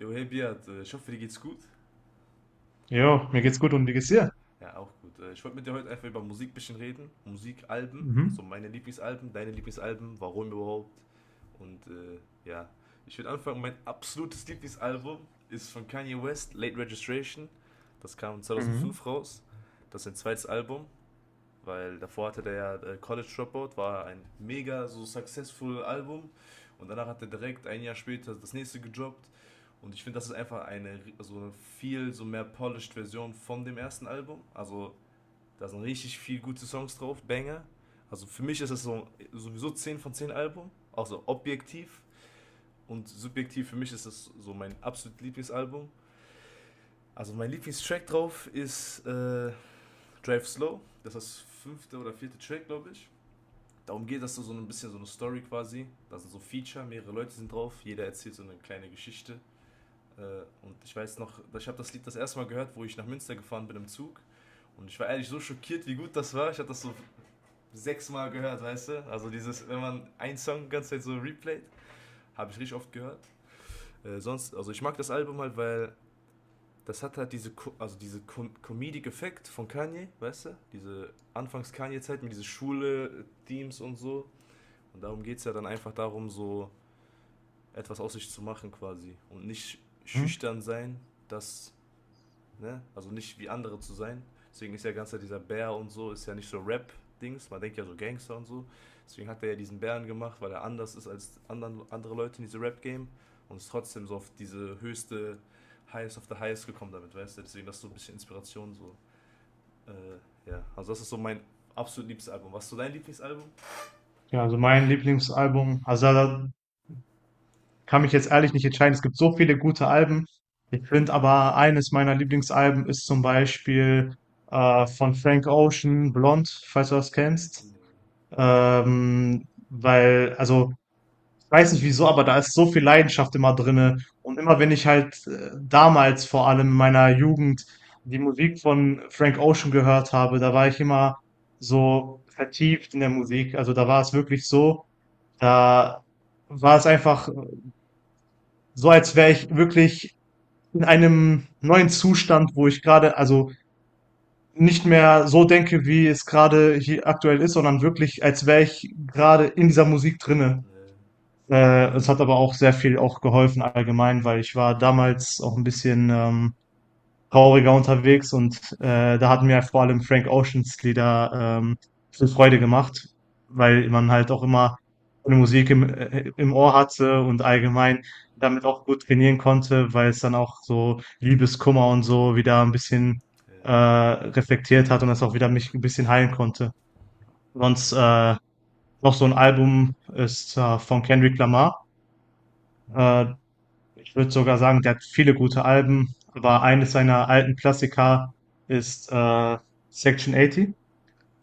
Jo, hey Biat, ich hoffe, dir geht's gut. Jo, mir geht's gut und wie geht's Äh, dir? Ja, auch gut. Ich wollte mit dir heute einfach über Musik ein bisschen reden. Musikalben, Mhm. so meine Lieblingsalben, deine Lieblingsalben, warum überhaupt. Und ja, ich würde anfangen, mein absolutes Lieblingsalbum ist von Kanye West, Late Registration. Das kam Mhm. 2005 raus. Das ist sein zweites Album. Weil davor hatte der ja College Dropout, war ein mega so successful Album, und danach hat er direkt ein Jahr später das nächste gejobbt. Und ich finde, das ist einfach eine so viel so mehr polished Version von dem ersten Album. Also da sind richtig viel gute Songs drauf, Banger. Also für mich ist das so, sowieso 10 von 10 Album, auch so objektiv. Und subjektiv für mich ist das so mein absolut Lieblingsalbum. Also mein Lieblingstrack drauf ist Drive Slow. Das ist das fünfte oder vierte Track, glaube ich, darum geht, dass du so ein bisschen so eine Story quasi, da sind so Feature, mehrere Leute sind drauf, jeder erzählt so eine kleine Geschichte. Und ich weiß noch, ich habe das Lied das erste Mal gehört, wo ich nach Münster gefahren bin im Zug. Und ich war ehrlich so schockiert, wie gut das war. Ich habe das so sechsmal gehört, weißt du? Also dieses, wenn man einen Song die ganze Zeit so replayt, habe ich richtig oft gehört. Sonst, also ich mag das Album halt, weil das hat halt diese, also diese Comedic Effekt von Kanye, weißt du? Diese Anfangs Kanye Zeit mit diese Schule Themes und so. Und darum geht es ja dann einfach darum, so etwas aus sich zu machen quasi. Und nicht Mhm. schüchtern sein, das, ne? Also nicht wie andere zu sein. Deswegen ist ja ganz dieser Bär und so, ist ja nicht so Rap-Dings. Man denkt ja so Gangster und so. Deswegen hat er ja diesen Bären gemacht, weil er anders ist als anderen, andere Leute in diesem Rap-Game. Und ist trotzdem so auf diese höchste Highest of the Highest gekommen damit, weißt du? Deswegen das ist so ein bisschen Inspiration so. Ja, also das ist so mein absolut liebstes Album. Was ist so dein Lieblingsalbum? Ja, also mein Lieblingsalbum, also da kann mich jetzt ehrlich nicht entscheiden. Es gibt so viele gute Alben. Ich finde aber eines meiner Lieblingsalben ist zum Beispiel von Frank Ocean, Blond, falls du das kennst. Nee. Weil, also ich weiß nicht wieso, aber da ist so viel Leidenschaft immer drinne. Und immer wenn ich halt damals vor allem in meiner Jugend die Musik von Frank Ocean gehört habe, da war ich immer so vertieft in der Musik. Also da war es wirklich so, da war es einfach so, als wäre ich wirklich in einem neuen Zustand, wo ich gerade, also Mhm. nicht mehr so denke, wie es gerade hier aktuell ist, sondern wirklich, als wäre ich gerade in dieser Musik drinne. Nee. Es hat aber auch sehr viel auch geholfen allgemein, weil ich war damals auch ein bisschen, trauriger unterwegs und, da hat mir vor allem Frank Oceans Lieder, ähm, viel Freude gemacht, weil man halt auch immer eine Musik im im Ohr hatte und allgemein Mhm. damit auch gut trainieren konnte, weil es dann auch so Liebeskummer und so wieder ein bisschen, Ja. Reflektiert hat und das auch wieder mich ein bisschen heilen konnte. Sonst, Nee. Noch so ein Album ist, von Kendrick Lamar. Äh Ich würde sogar sagen, der hat viele gute Alben, aber eines seiner alten Klassiker ist Section 80.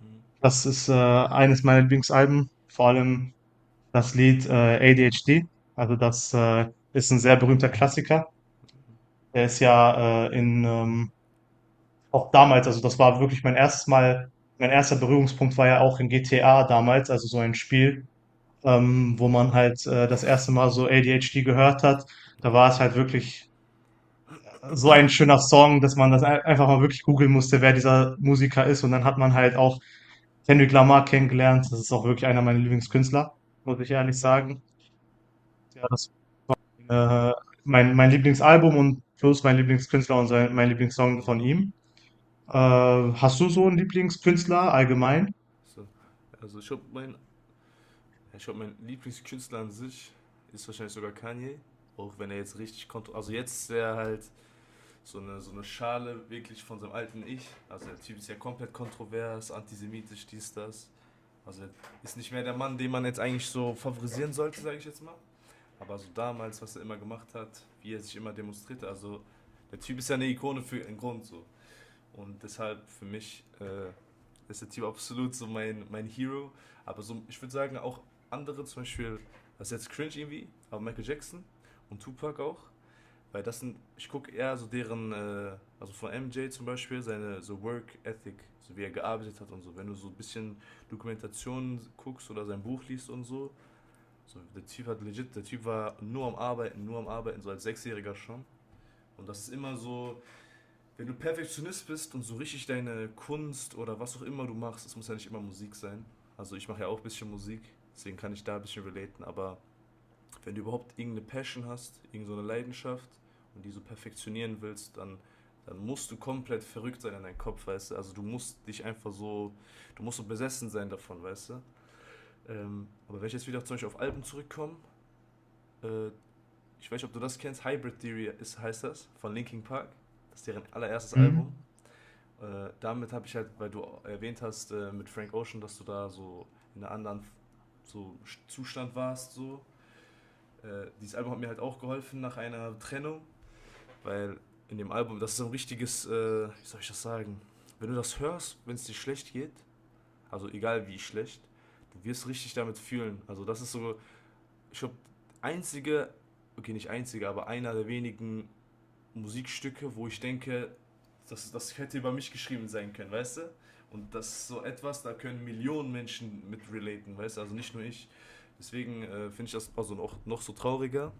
Hm. Das ist eines meiner Lieblingsalben, vor allem das Lied ADHD. Also das ist ein sehr berühmter Klassiker. Der ist ja in auch damals, also das war wirklich mein erstes Mal, mein erster Berührungspunkt war ja auch in GTA damals, also so ein Spiel, wo man halt das erste Mal so ADHD gehört hat. Nee. Da war es halt wirklich so ein schöner Song, dass man das einfach mal wirklich googeln musste, wer dieser Musiker ist. Und dann hat man halt auch Kendrick Lamar kennengelernt. Das ist auch wirklich einer meiner Hm. Lieblingskünstler, muss ich ehrlich sagen. Ja, das äh, mein Lieblingsalbum und plus mein Lieblingskünstler und mein Lieblingssong von Nee. ihm. Hast du so einen Lieblingskünstler allgemein? So. Also ich glaub, mein Lieblingskünstler an sich ist wahrscheinlich sogar Kanye. Auch wenn er jetzt richtig kontrolliert. Also jetzt ist er halt so eine Schale wirklich von seinem alten Ich. Also der Typ ist ja komplett kontrovers, antisemitisch, dies, das. Also er ist nicht mehr der Mann, den man jetzt eigentlich so favorisieren sollte, sage ich jetzt mal. Aber so damals, was er immer gemacht hat, wie er sich immer demonstrierte. Also der Typ ist ja eine Ikone für einen Grund so. Und deshalb für mich ist der Typ absolut so mein Hero. Aber so, ich würde sagen, auch andere, zum Beispiel, das ist jetzt cringe irgendwie, aber Michael Jackson und Tupac auch. Weil das sind, ich gucke eher so deren, also von MJ zum Beispiel, seine so Work Ethic, so wie er gearbeitet hat und so. Wenn du so ein bisschen Dokumentationen guckst oder sein Buch liest und so, so der Typ hat legit, der Typ war nur am Arbeiten, so als 6-Jähriger schon. Und das ist immer so, wenn du Perfektionist bist und so richtig deine Kunst oder was auch immer du machst, es muss ja nicht immer Musik sein. Also ich mache ja auch ein bisschen Musik, deswegen kann ich da ein bisschen relaten. Aber wenn du überhaupt irgendeine Passion hast, irgendeine Leidenschaft und die so perfektionieren willst, dann musst du komplett verrückt sein in deinem Kopf, weißt du. Also du musst dich einfach so, du musst so besessen sein davon, weißt du. Aber wenn ich jetzt wieder zum Beispiel auf Alben zurückkomme, äh, ich weiß nicht, ob du das kennst, Hybrid Theory ist, heißt das, von Linkin Park. Das ist deren allererstes Album. Mhm. Damit habe ich halt, weil du erwähnt hast mit Frank Ocean, dass du da so in einem anderen so Zustand warst, so. Dieses Album hat mir halt auch geholfen nach einer Trennung, weil in dem Album, das ist so ein richtiges, wie soll ich das sagen, wenn du das hörst, wenn es dir schlecht geht, also egal wie schlecht, du wirst richtig damit fühlen. Also das ist so, ich glaube, einzige, okay, nicht einzige, aber einer der wenigen Musikstücke, wo ich denke, das hätte über mich geschrieben sein können, weißt du? Und das ist so etwas, da können Millionen Menschen mit relaten, weißt du? Also nicht nur ich. Deswegen finde ich das also noch, noch so trauriger,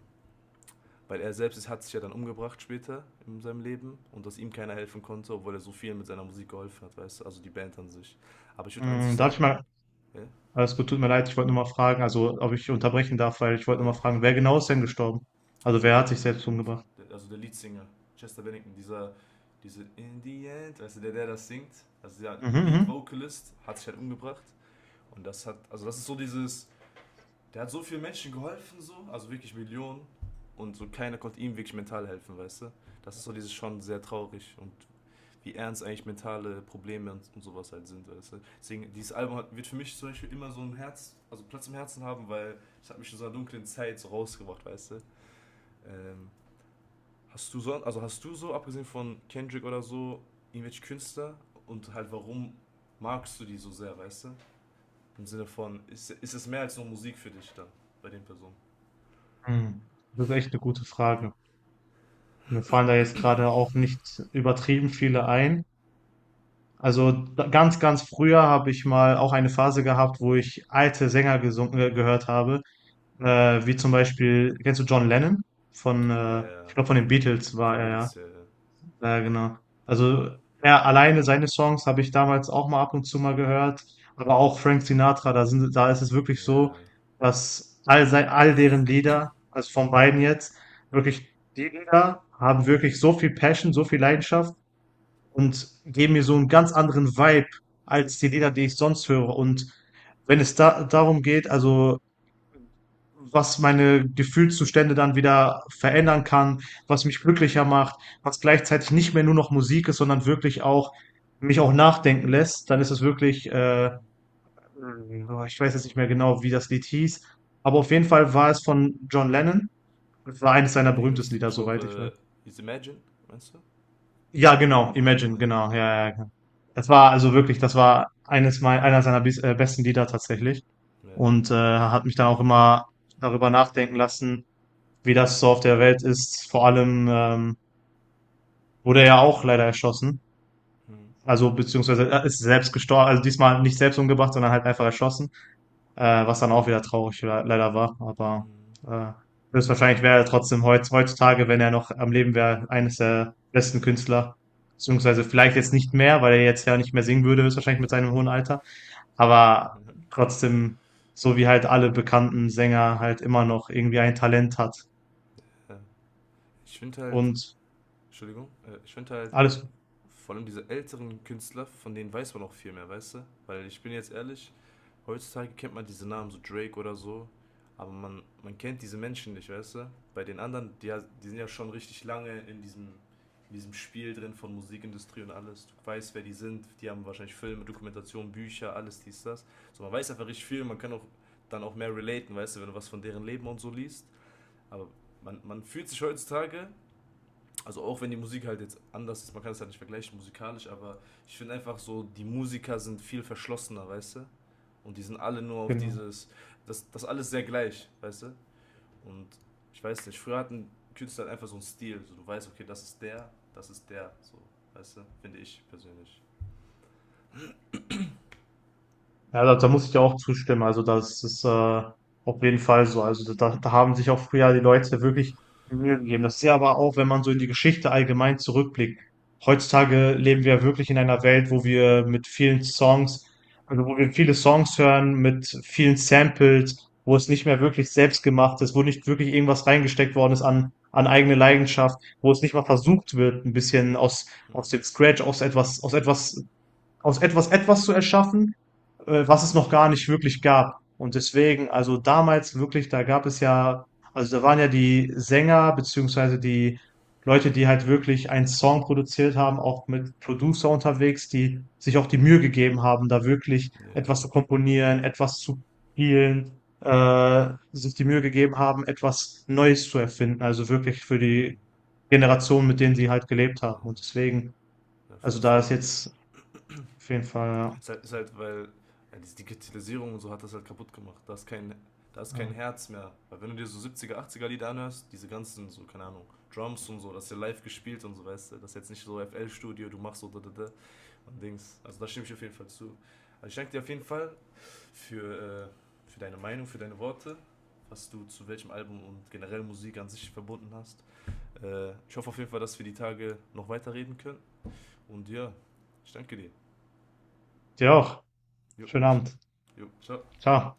weil er selbst ist, hat sich ja dann umgebracht später in seinem Leben, und dass ihm keiner helfen konnte, obwohl er so viel mit seiner Musik geholfen hat, weißt du? Also die Band an sich. Aber ich würde an sich darf ich sagen, mal, äh, alles gut, tut mir leid, ich wollte nur mal fragen, also ob ich unterbrechen darf, weil ich wollte äh, nur mal fragen, wer genau ist denn gestorben? Also Äh, wer der, hat sich selbst umgebracht? Der Leadsinger, Chester Bennington, dieser, diese In the End, weißt du, der das singt, also der Mhm, Lead mhm. Vocalist, hat sich halt umgebracht. Und das hat, also das ist so dieses, der hat so vielen Menschen geholfen, so, also wirklich Millionen. Und so keiner konnte ihm wirklich mental helfen, weißt du? Das ist so dieses schon sehr traurig und wie ernst eigentlich mentale Probleme und sowas halt sind, weißt du? Deswegen, dieses Album hat, wird für mich zum Beispiel immer so ein Herz, also Platz im Herzen haben, weil es hat mich in so einer dunklen Zeit so rausgebracht, weißt du? Ähm, Hast du so, also hast du so, abgesehen von Kendrick oder so, irgendwelche Künstler und halt warum magst du die so sehr, weißt du? Im Sinne von, ist es mehr als nur Musik für dich dann, bei den Personen? Hm. Das ist echt eine gute Frage. Mir fallen da jetzt gerade auch nicht übertrieben viele ein. Also ganz, ganz früher habe ich mal auch eine Phase gehabt, wo ich alte Sänger gehört habe, wie zum Beispiel, kennst du John Lennon? Von, Ja, äh, ich ja, glaube, von den von, Beatles war von er ja. Beatles, ja, ja. Ja, genau. Also er alleine seine Songs habe ich damals auch mal ab und zu mal gehört, aber auch Frank Sinatra, da ist es wirklich so, Ja. dass all deren Lieder, also von beiden jetzt, wirklich die Lieder haben wirklich so viel Passion, so viel Leidenschaft und geben mir so einen ganz anderen Vibe als die Lieder, die ich sonst höre. Und wenn es da darum geht, also was meine Gefühlszustände dann wieder verändern kann, was mich glücklicher macht, was gleichzeitig nicht mehr nur noch Musik ist, sondern wirklich auch mich auch nachdenken lässt, dann ist es wirklich, Mhm. boah, ich weiß jetzt nicht mehr genau, wie das Lied hieß, aber auf jeden Fall war es von John Lennon. Es war eines Ich seiner glaube, Ding berühmtesten ist, Lieder, ich soweit ich weiß. glaube, ist Imagine, meinst du? Ja, genau, Imagine, Ah, genau, ja, ja, ja. Das war also wirklich, das war einer seiner besten Lieder tatsächlich ja, ja, ja. und hat mich dann auch immer darüber nachdenken lassen, wie das so auf der Welt ist. Vor allem wurde er ja auch leider erschossen. Mhm. Also beziehungsweise er ist selbst gestorben. Also diesmal nicht selbst umgebracht, sondern halt einfach erschossen. Was dann auch wieder traurig leider war. Aber Mhm. äh, höchstwahrscheinlich wäre er trotzdem heutzutage, wenn er noch am Leben wäre, eines der besten Künstler. Beziehungsweise vielleicht jetzt nicht mehr, weil er jetzt ja nicht mehr singen würde, höchstwahrscheinlich mit seinem hohen Ja. Alter. Aber trotzdem, so wie halt alle bekannten Sänger halt immer noch irgendwie ein Talent hat. Ja. Ich finde halt, Und Entschuldigung, ich finde halt, alles, vor allem diese älteren Künstler, von denen weiß man auch viel mehr, weißt du? Weil ich bin jetzt ehrlich, heutzutage kennt man diese Namen, so Drake oder so, aber man kennt diese Menschen nicht, weißt du? Bei den anderen, die sind ja schon richtig lange in diesem Spiel drin von Musikindustrie und alles. Du weißt, wer die sind, die haben wahrscheinlich Filme, Dokumentationen, Bücher, alles dies, das. So, man weiß einfach richtig viel, man kann auch dann auch mehr relaten, weißt du, wenn du was von deren Leben und so liest. Aber man fühlt sich heutzutage, also auch wenn die Musik halt jetzt anders ist, man kann es halt nicht vergleichen musikalisch, aber ich finde einfach so, die Musiker sind viel verschlossener, weißt du? Und die sind alle nur auf genau. dieses, das alles sehr gleich, weißt du? Und ich weiß nicht, früher hatten Künstler halt einfach so einen Stil, so du weißt, okay, das ist der, so, weißt du? Finde ich persönlich. Ja, da muss ich dir auch zustimmen. Also das ist auf jeden Fall so. Also da haben sich auch früher die Leute wirklich Mühe gegeben. Das ist ja aber auch, wenn man so in die Geschichte allgemein zurückblickt. Heutzutage leben wir wirklich in einer Welt, wo wir mit vielen Songs, also wo wir viele Songs hören, mit vielen Samples, wo es nicht mehr wirklich selbst gemacht ist, wo nicht wirklich irgendwas reingesteckt worden ist an, an eigene Leidenschaft, wo es nicht mal versucht wird, ein bisschen aus, Ja. aus dem Scratch, aus etwas, etwas zu erschaffen was es noch gar nicht wirklich gab. Und deswegen, also damals wirklich, da gab es ja, also da waren ja die Sänger beziehungsweise die Leute, die halt wirklich einen Song produziert haben, auch mit Producer unterwegs, die sich auch die Mühe gegeben haben, da wirklich Yeah. etwas zu komponieren, etwas zu spielen, sich die Mühe gegeben haben, etwas Neues zu erfinden. Also wirklich für Mhm. die Generation, mit denen sie halt gelebt haben. Und Äh, deswegen, auf also jeden da ist Fall. jetzt auf jeden Fall, ja. Ist halt weil ja, diese Digitalisierung und so hat das halt kaputt gemacht. Da ist kein Ja. Herz mehr. Weil wenn du dir so 70er, 80er Lieder anhörst, diese ganzen, so, keine Ahnung, Drums und so, das ist ja live gespielt und so, weißt du, das ist jetzt nicht so F L studio du machst so da, da, da, und Dings. Also da stimme ich auf jeden Fall zu. Also ich danke dir auf jeden Fall für deine Meinung, für deine Worte, was du zu welchem Album und generell Musik an sich verbunden hast. Ich hoffe auf jeden Fall, dass wir die Tage noch weiterreden können. Und ja, ich danke dir. Dir auch. Jo, Schönen Abend. jo, ciao. Klar.